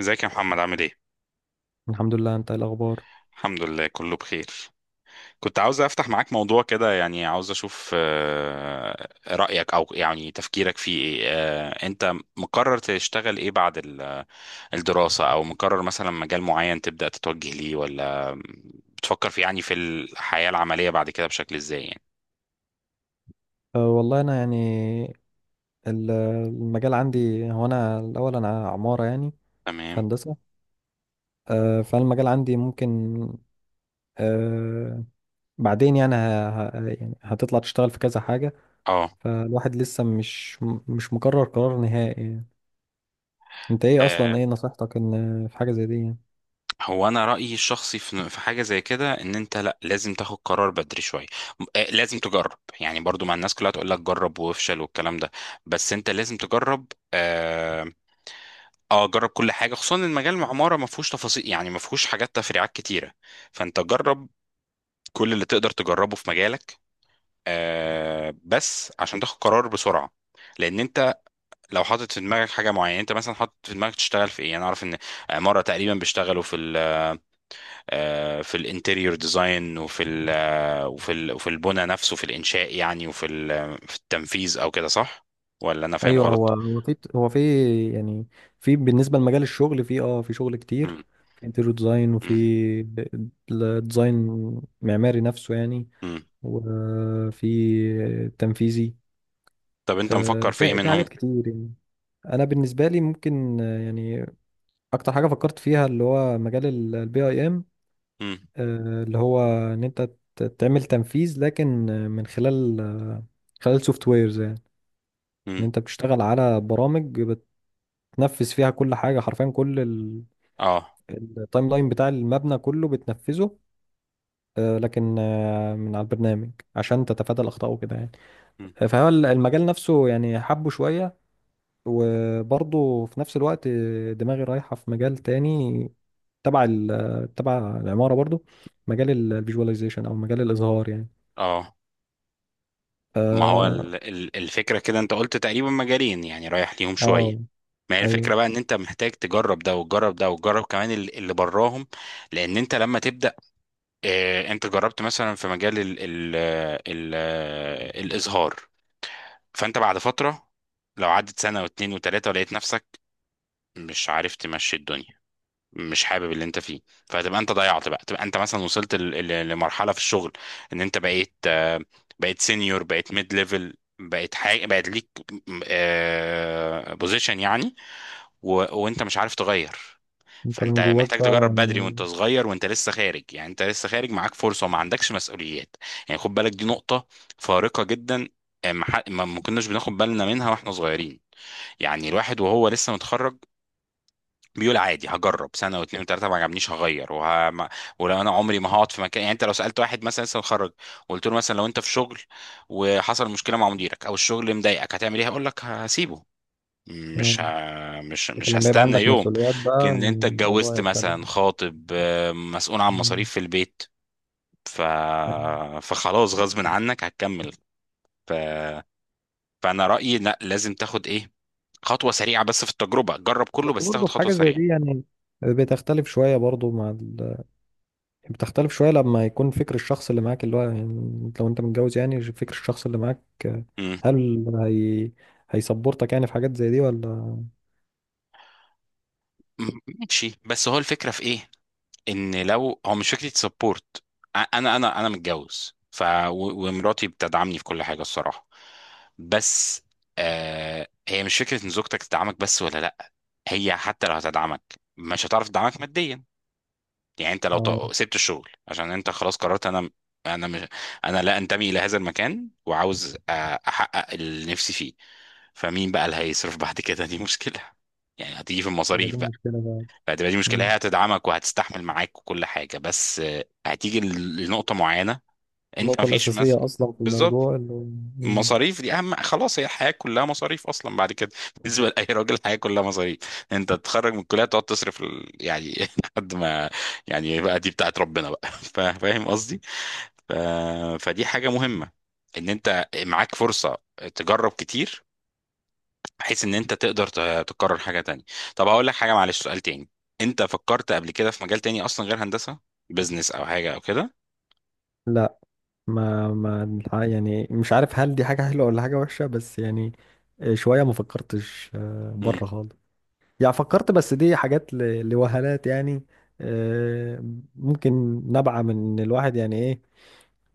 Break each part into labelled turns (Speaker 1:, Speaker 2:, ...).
Speaker 1: ازيك يا محمد، عامل ايه؟
Speaker 2: الحمد لله. انت ايه الاخبار؟
Speaker 1: الحمد لله، كله بخير. كنت عاوز افتح معاك موضوع كده، يعني عاوز اشوف رأيك، او يعني تفكيرك فيه ايه. انت مقرر تشتغل ايه بعد الدراسة، او مقرر مثلا مجال معين تبدأ تتوجه ليه، ولا بتفكر يعني في الحياة العملية بعد كده بشكل ازاي يعني؟
Speaker 2: والله انا المجال عندي هو، انا الاول انا عمارة يعني، في
Speaker 1: تمام.
Speaker 2: هندسة. فالمجال عندي ممكن أه بعدين يعني هتطلع تشتغل في كذا حاجة. فالواحد لسه مش مقرر قرار نهائي يعني. انت ايه اصلا،
Speaker 1: اه،
Speaker 2: ايه نصيحتك ان في حاجة زي دي يعني؟
Speaker 1: هو انا رايي الشخصي في حاجه زي كده، ان انت لا، لازم تاخد قرار بدري شويه. لازم تجرب، يعني برضو مع الناس كلها تقول لك جرب وافشل والكلام ده، بس انت لازم تجرب. آه اه جرب كل حاجه، خصوصا ان مجال العماره ما فيهوش تفاصيل، يعني ما فيهوش حاجات تفريعات كتيره. فانت جرب كل اللي تقدر تجربه في مجالك، بس عشان تاخد قرار بسرعه. لان انت لو حاطط في دماغك حاجه معينه، انت مثلا حاطط في دماغك تشتغل في ايه، انا اعرف ان عماره تقريبا بيشتغلوا في، في الانتريور ديزاين، وفي ال آه، وفي ال وفي البنى نفسه في الانشاء يعني، وفي في التنفيذ او كده، صح؟ ولا انا فاهم
Speaker 2: ايوه، هو
Speaker 1: غلط؟
Speaker 2: هو في هو في يعني، في بالنسبه لمجال الشغل في، في شغل كتير.
Speaker 1: مم.
Speaker 2: في انتيريور ديزاين، وفي
Speaker 1: مم.
Speaker 2: الديزاين معماري نفسه يعني،
Speaker 1: مم.
Speaker 2: وفي تنفيذي.
Speaker 1: طب انت مفكر في ايه
Speaker 2: في في
Speaker 1: منهم؟
Speaker 2: حاجات كتير يعني. انا بالنسبه لي ممكن، يعني اكتر حاجه فكرت فيها اللي هو مجال البي اي ام،
Speaker 1: مم.
Speaker 2: اللي هو ان انت تعمل تنفيذ، لكن من خلال خلال سوفت ويرز يعني. ان
Speaker 1: مم.
Speaker 2: انت بتشتغل على برامج تنفذ فيها كل حاجة، حرفيا كل
Speaker 1: اه.
Speaker 2: التايم لاين بتاع المبنى كله بتنفذه، لكن من على البرنامج عشان تتفادى الأخطاء وكده يعني.
Speaker 1: مم.
Speaker 2: فهو المجال نفسه يعني حبه شوية، وبرضه في نفس الوقت دماغي رايحة في مجال تاني تبع تبع العمارة برضه، مجال الفيجواليزيشن أو مجال الإظهار يعني.
Speaker 1: اه. ما هو
Speaker 2: ف-
Speaker 1: الفكره كده، انت قلت تقريبا مجالين يعني رايح ليهم شويه.
Speaker 2: اه
Speaker 1: ما هي
Speaker 2: ايوه،
Speaker 1: الفكره بقى ان انت محتاج تجرب ده وتجرب ده وتجرب كمان اللي براهم. لان انت لما تبدا، انت جربت مثلا في مجال ال ال ال الازهار، فانت بعد فترة لو عدت سنة واتنين وتلاتة ولقيت نفسك مش عارف تمشي الدنيا، مش حابب اللي انت فيه، فهتبقى انت ضيعت بقى، تبقى انت مثلا وصلت لمرحلة في الشغل ان انت بقيت، بقيت سينيور، بقيت ميد ليفل، بقيت حاجة، بقيت ليك بوزيشن يعني، و... وانت مش عارف تغير.
Speaker 2: انت
Speaker 1: فانت
Speaker 2: من جواك
Speaker 1: محتاج
Speaker 2: بقى
Speaker 1: تجرب بدري وانت
Speaker 2: يعني.
Speaker 1: صغير وانت لسه خارج، يعني انت لسه خارج معاك فرصه وما عندكش مسؤوليات. يعني خد بالك، دي نقطه فارقه جدا. آه، ما ح- ما- ما كناش بناخد بالنا منها واحنا صغيرين. يعني الواحد وهو لسه متخرج بيقول عادي هجرب سنه واتنين وتلاته، ما عجبنيش هغير، وه... ما... ولو انا عمري ما هقعد في مكان. يعني انت لو سالت واحد مثلا لسه متخرج وقلت له مثلا لو انت في شغل وحصل مشكله مع مديرك او الشغل مضايقك هتعمل ايه، هيقول لك هسيبه،
Speaker 2: آه.
Speaker 1: مش ه... مش
Speaker 2: لكن
Speaker 1: مش
Speaker 2: لما يبقى
Speaker 1: هستنى
Speaker 2: عندك
Speaker 1: يوم.
Speaker 2: مسؤوليات بقى
Speaker 1: لكن انت
Speaker 2: الموضوع
Speaker 1: اتجوزت
Speaker 2: يختلف.
Speaker 1: مثلا، خاطب، مسؤول عن
Speaker 2: مم.
Speaker 1: مصاريف في البيت، ف... فخلاص غصب عنك هتكمل، ف... فانا رأيي لا، لازم تاخد ايه، خطوة سريعة. بس في التجربة جرب كله،
Speaker 2: بس
Speaker 1: بس تاخد
Speaker 2: برضه في
Speaker 1: خطوة
Speaker 2: حاجة زي
Speaker 1: سريعة.
Speaker 2: دي يعني بتختلف شوية برضه مع بتختلف شوية لما يكون فكر الشخص اللي معاك، اللي هو يعني لو انت متجوز يعني فكر الشخص اللي معاك،
Speaker 1: مم.
Speaker 2: هل هي هيسبورتك يعني في حاجات زي دي ولا؟
Speaker 1: ماشي. بس هو الفكرة في ايه؟ ان لو هو مش فكره سبورت، انا متجوز، ومراتي بتدعمني في كل حاجه الصراحه، بس هي مش فكره ان زوجتك تدعمك بس، ولا لا، هي حتى لو هتدعمك مش هتعرف تدعمك ماديا. يعني انت لو
Speaker 2: اه،
Speaker 1: سبت الشغل عشان انت خلاص قررت انا مش انا لا انتمي الى هذا المكان، وعاوز احقق اللي نفسي فيه، فمين بقى اللي هيصرف بعد كده؟ دي مشكله، يعني هتيجي في
Speaker 2: هي
Speaker 1: المصاريف.
Speaker 2: دي المشكلة بقى.
Speaker 1: فهتبقى دي مشكلة،
Speaker 2: مم.
Speaker 1: هي هتدعمك وهتستحمل معاك وكل حاجة، بس هتيجي لنقطة معينة انت
Speaker 2: النقطة
Speaker 1: مفيش مثلا...
Speaker 2: الأساسية أصلا في
Speaker 1: بالظبط.
Speaker 2: الموضوع مم.
Speaker 1: مصاريف دي اهم، خلاص، هي الحياة كلها مصاريف اصلا بعد كده بالنسبة لأي راجل الحياة كلها مصاريف. انت تتخرج من الكلية تقعد تصرف يعني لحد ما، يعني بقى دي بتاعت ربنا بقى. فاهم قصدي؟ ف... فدي حاجة مهمة ان انت معاك فرصة تجرب كتير، بحيث ان انت تقدر تكرر حاجه تانية. طب هقول لك حاجه، معلش، سؤال تاني، انت فكرت قبل كده في مجال تاني اصلا غير هندسه، بزنس او حاجه او كده؟
Speaker 2: لا، ما ما الح- يعني مش عارف هل دي حاجة حلوة ولا حاجة وحشة، بس يعني شوية ما فكرتش
Speaker 1: مم.
Speaker 2: بره خالص يعني. فكرت بس دي حاجات لوهلات يعني. آه، ممكن نبعة من إن الواحد يعني ايه،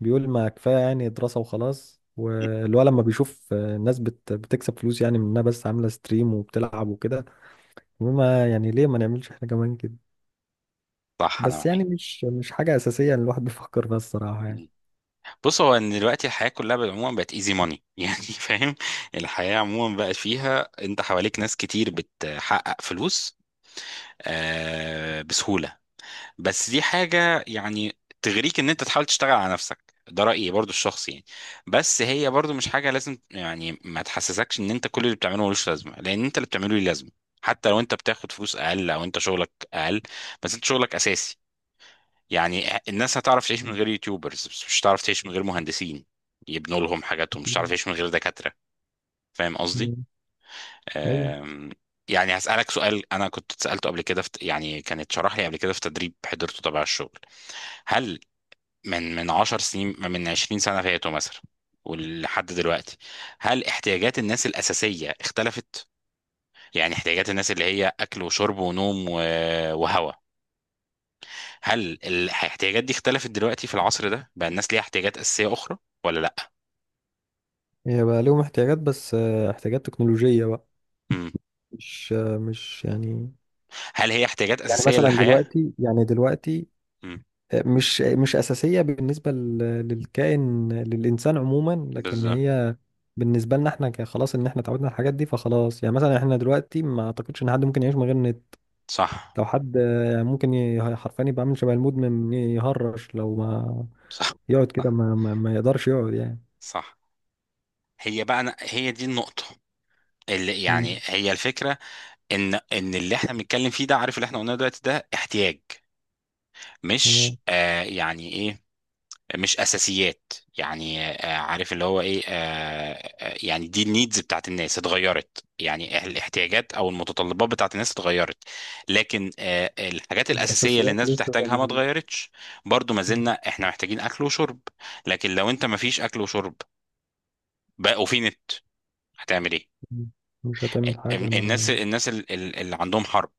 Speaker 2: بيقول ما كفاية يعني دراسة وخلاص، والولد لما بيشوف ناس بتكسب فلوس يعني من انها بس عاملة ستريم وبتلعب وكده، وما يعني ليه ما نعملش احنا كمان كده.
Speaker 1: صح، انا
Speaker 2: بس يعني
Speaker 1: معاك.
Speaker 2: مش حاجة أساسية إن الواحد بيفكر فيها الصراحة يعني.
Speaker 1: مم. بص، هو ان دلوقتي الحياه كلها بالعموم بقت ايزي ماني يعني فاهم. الحياه عموما بقت فيها انت حواليك ناس كتير بتحقق فلوس، بسهوله. بس دي حاجة يعني تغريك ان انت تحاول تشتغل على نفسك، ده رأيي برضو الشخصي يعني. بس هي برضو مش حاجة لازم، يعني ما تحسسكش ان انت كل اللي بتعمله ملوش لازمة، لان انت اللي بتعمله ليه لازمة، حتى لو انت بتاخد فلوس اقل او انت شغلك اقل، بس انت شغلك اساسي. يعني الناس هتعرف تعيش من غير يوتيوبرز، بس مش هتعرف تعيش من غير مهندسين يبنوا لهم حاجاتهم، مش هتعرف تعيش من غير دكاترة. فاهم قصدي؟
Speaker 2: مم. ايوه،
Speaker 1: أم، يعني هسألك سؤال أنا كنت اتسألته قبل كده، في يعني كانت شرح لي قبل كده في تدريب حضرته تبع الشغل. هل من 10 سنين، من 20 سنة فاتوا مثلا ولحد دلوقتي، هل احتياجات الناس الأساسية اختلفت؟ يعني احتياجات الناس اللي هي أكل وشرب ونوم وهواء، هل الاحتياجات دي اختلفت دلوقتي في العصر ده؟ بقى الناس ليها احتياجات أساسية أخرى ولا لأ؟
Speaker 2: هي بقى ليهم احتياجات، بس احتياجات تكنولوجية بقى.
Speaker 1: مم.
Speaker 2: مش يعني،
Speaker 1: هل هي احتياجات
Speaker 2: يعني
Speaker 1: أساسية
Speaker 2: مثلا
Speaker 1: للحياة؟
Speaker 2: دلوقتي يعني دلوقتي
Speaker 1: مم.
Speaker 2: مش أساسية بالنسبة للكائن للإنسان عموما، لكن
Speaker 1: بالظبط.
Speaker 2: هي بالنسبة لنا احنا خلاص ان احنا اتعودنا على الحاجات دي، فخلاص يعني مثلا احنا دلوقتي ما اعتقدش ان حد ممكن يعيش من غير النت.
Speaker 1: صح،
Speaker 2: لو حد ممكن حرفيا يبقى عامل شبه المدمن، يهرش لو ما
Speaker 1: صح،
Speaker 2: يقعد كده،
Speaker 1: صح،
Speaker 2: ما يقدرش يقعد يعني.
Speaker 1: صح. هي بقى أنا هي دي النقطة اللي يعني،
Speaker 2: مم.
Speaker 1: هي الفكرة ان اللي احنا بنتكلم فيه ده، عارف اللي احنا قلناه دلوقتي ده احتياج، مش
Speaker 2: تمام.
Speaker 1: يعني ايه، مش اساسيات. يعني عارف اللي هو ايه، يعني دي النيدز بتاعت الناس اتغيرت، يعني الاحتياجات او المتطلبات بتاعت الناس اتغيرت، لكن الحاجات الاساسيه اللي
Speaker 2: الأساسيات
Speaker 1: الناس
Speaker 2: لسه زي
Speaker 1: بتحتاجها
Speaker 2: ما
Speaker 1: ما
Speaker 2: هي.
Speaker 1: اتغيرتش. برضو ما زلنا
Speaker 2: مم.
Speaker 1: احنا محتاجين اكل وشرب، لكن لو انت ما فيش اكل وشرب بقى وفي نت هتعمل ايه؟
Speaker 2: مم. مش هتعمل حاجة
Speaker 1: الناس
Speaker 2: ما.
Speaker 1: الناس اللي عندهم حرب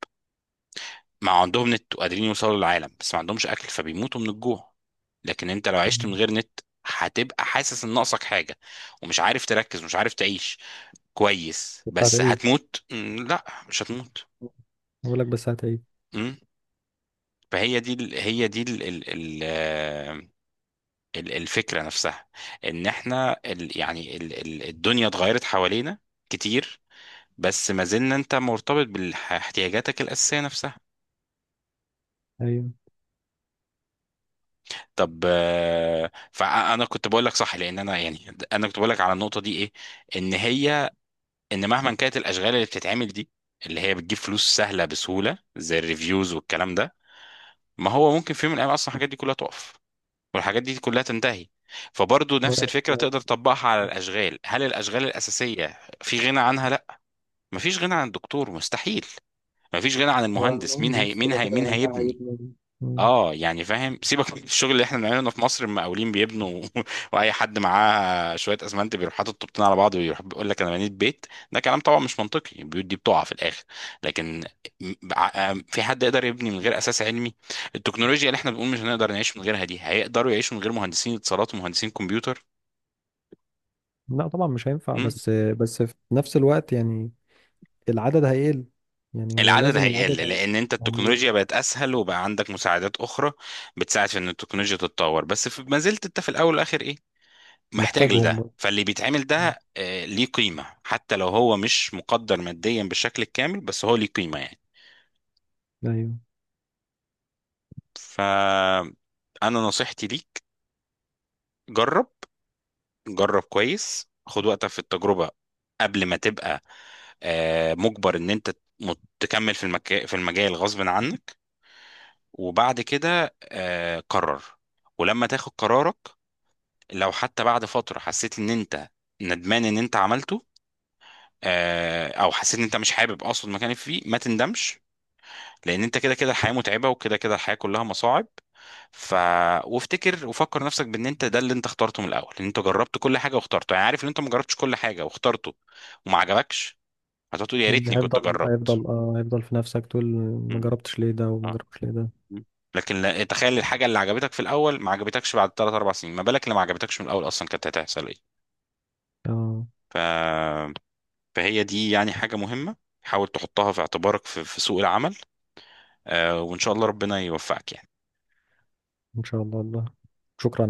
Speaker 1: ما عندهم نت وقادرين يوصلوا للعالم بس ما عندهمش اكل، فبيموتوا من الجوع. لكن انت لو عشت من
Speaker 2: مم.
Speaker 1: غير نت هتبقى حاسس ان ناقصك حاجه ومش عارف تركز ومش عارف تعيش كويس،
Speaker 2: بس
Speaker 1: بس
Speaker 2: هتعيد،
Speaker 1: هتموت؟ لا، مش هتموت.
Speaker 2: أقول لك بس هتعيد.
Speaker 1: مم. فهي دي ال ال ال آه، ال الفكره نفسها، ان احنا ال يعني ال ال الدنيا اتغيرت حوالينا كتير، بس ما زلنا، انت مرتبط باحتياجاتك الاساسيه نفسها. طب فانا كنت بقول لك صح، لان انا، يعني كنت بقول لك على النقطه دي ايه، ان هي ان مهما كانت الاشغال اللي بتتعمل دي، اللي هي بتجيب فلوس سهله بسهوله زي الريفيوز والكلام ده، ما هو ممكن في يوم من الايام اصلا الحاجات دي كلها تقف والحاجات دي كلها تنتهي، فبرضه نفس الفكره
Speaker 2: أيوه.
Speaker 1: تقدر تطبقها على الاشغال. هل الاشغال الاساسيه في غنى عنها؟ لا، مفيش غنى عن الدكتور مستحيل، مفيش غنى عن
Speaker 2: ولا
Speaker 1: المهندس،
Speaker 2: مهندس كده كده
Speaker 1: مين
Speaker 2: ده
Speaker 1: هيبني؟
Speaker 2: هيبني. مم.
Speaker 1: اه، يعني فاهم، سيبك من الشغل اللي احنا بنعمله هنا في مصر، المقاولين بيبنوا واي حد معاه شويه اسمنت بيروح حاطط طوبتين على بعض ويروح بيقول لك انا بنيت بيت. ده كلام طبعا مش منطقي، البيوت دي بتقع في الاخر. لكن في حد يقدر يبني من غير اساس علمي؟ التكنولوجيا اللي احنا بنقول مش هنقدر نعيش من غيرها دي هيقدروا يعيشوا من غير مهندسين اتصالات ومهندسين كمبيوتر؟
Speaker 2: لا طبعا مش هينفع،
Speaker 1: مم؟
Speaker 2: بس بس في نفس الوقت يعني العدد هيقل، يعني هو
Speaker 1: العدد
Speaker 2: لازم
Speaker 1: هيقل،
Speaker 2: العدد
Speaker 1: لان انت
Speaker 2: هيقل.
Speaker 1: التكنولوجيا بقت اسهل وبقى عندك مساعدات اخرى بتساعد في ان التكنولوجيا تتطور، بس ما زلت انت في الاول والاخر ايه، محتاج
Speaker 2: محتاجهم
Speaker 1: لده.
Speaker 2: برضه.
Speaker 1: فاللي بيتعمل
Speaker 2: مم.
Speaker 1: ده ليه قيمة، حتى لو هو مش مقدر ماديا بالشكل الكامل، بس هو ليه قيمة يعني.
Speaker 2: ايوه.
Speaker 1: فأنا نصيحتي ليك، جرب، جرب كويس، خد وقتك في التجربة قبل ما تبقى مجبر ان انت تكمل في المجال غصب عنك. وبعد كده قرر. ولما تاخد قرارك، لو حتى بعد فترة حسيت ان انت ندمان ان انت عملته، او حسيت ان انت مش حابب، اقصد مكانك فيه، ما تندمش، لان انت كده كده الحياه متعبه وكده كده الحياه كلها مصاعب. ف وافتكر وفكر نفسك بان انت ده اللي انت اخترته من الاول، ان انت جربت كل حاجه واخترته، يعني عارف ان انت ما جربتش كل حاجه واخترته وما عجبكش، هتقعد تقول يا
Speaker 2: مم.
Speaker 1: ريتني كنت
Speaker 2: هيفضل،
Speaker 1: جربت.
Speaker 2: هيفضل، اه هيفضل في نفسك تقول ما
Speaker 1: مم.
Speaker 2: جربتش ليه ده وما
Speaker 1: اه.
Speaker 2: جربتش ليه ده.
Speaker 1: مم. لكن لا، تخيل الحاجه اللي عجبتك في الاول ما عجبتكش بعد 3 4 سنين، ما بالك اللي ما عجبتكش من الاول اصلا كانت هتحصل ايه.
Speaker 2: اه،
Speaker 1: فهي دي يعني حاجه مهمه، حاول تحطها في اعتبارك في سوق العمل، وان شاء الله ربنا يوفقك يعني.
Speaker 2: ان شاء الله. الله، شكرا.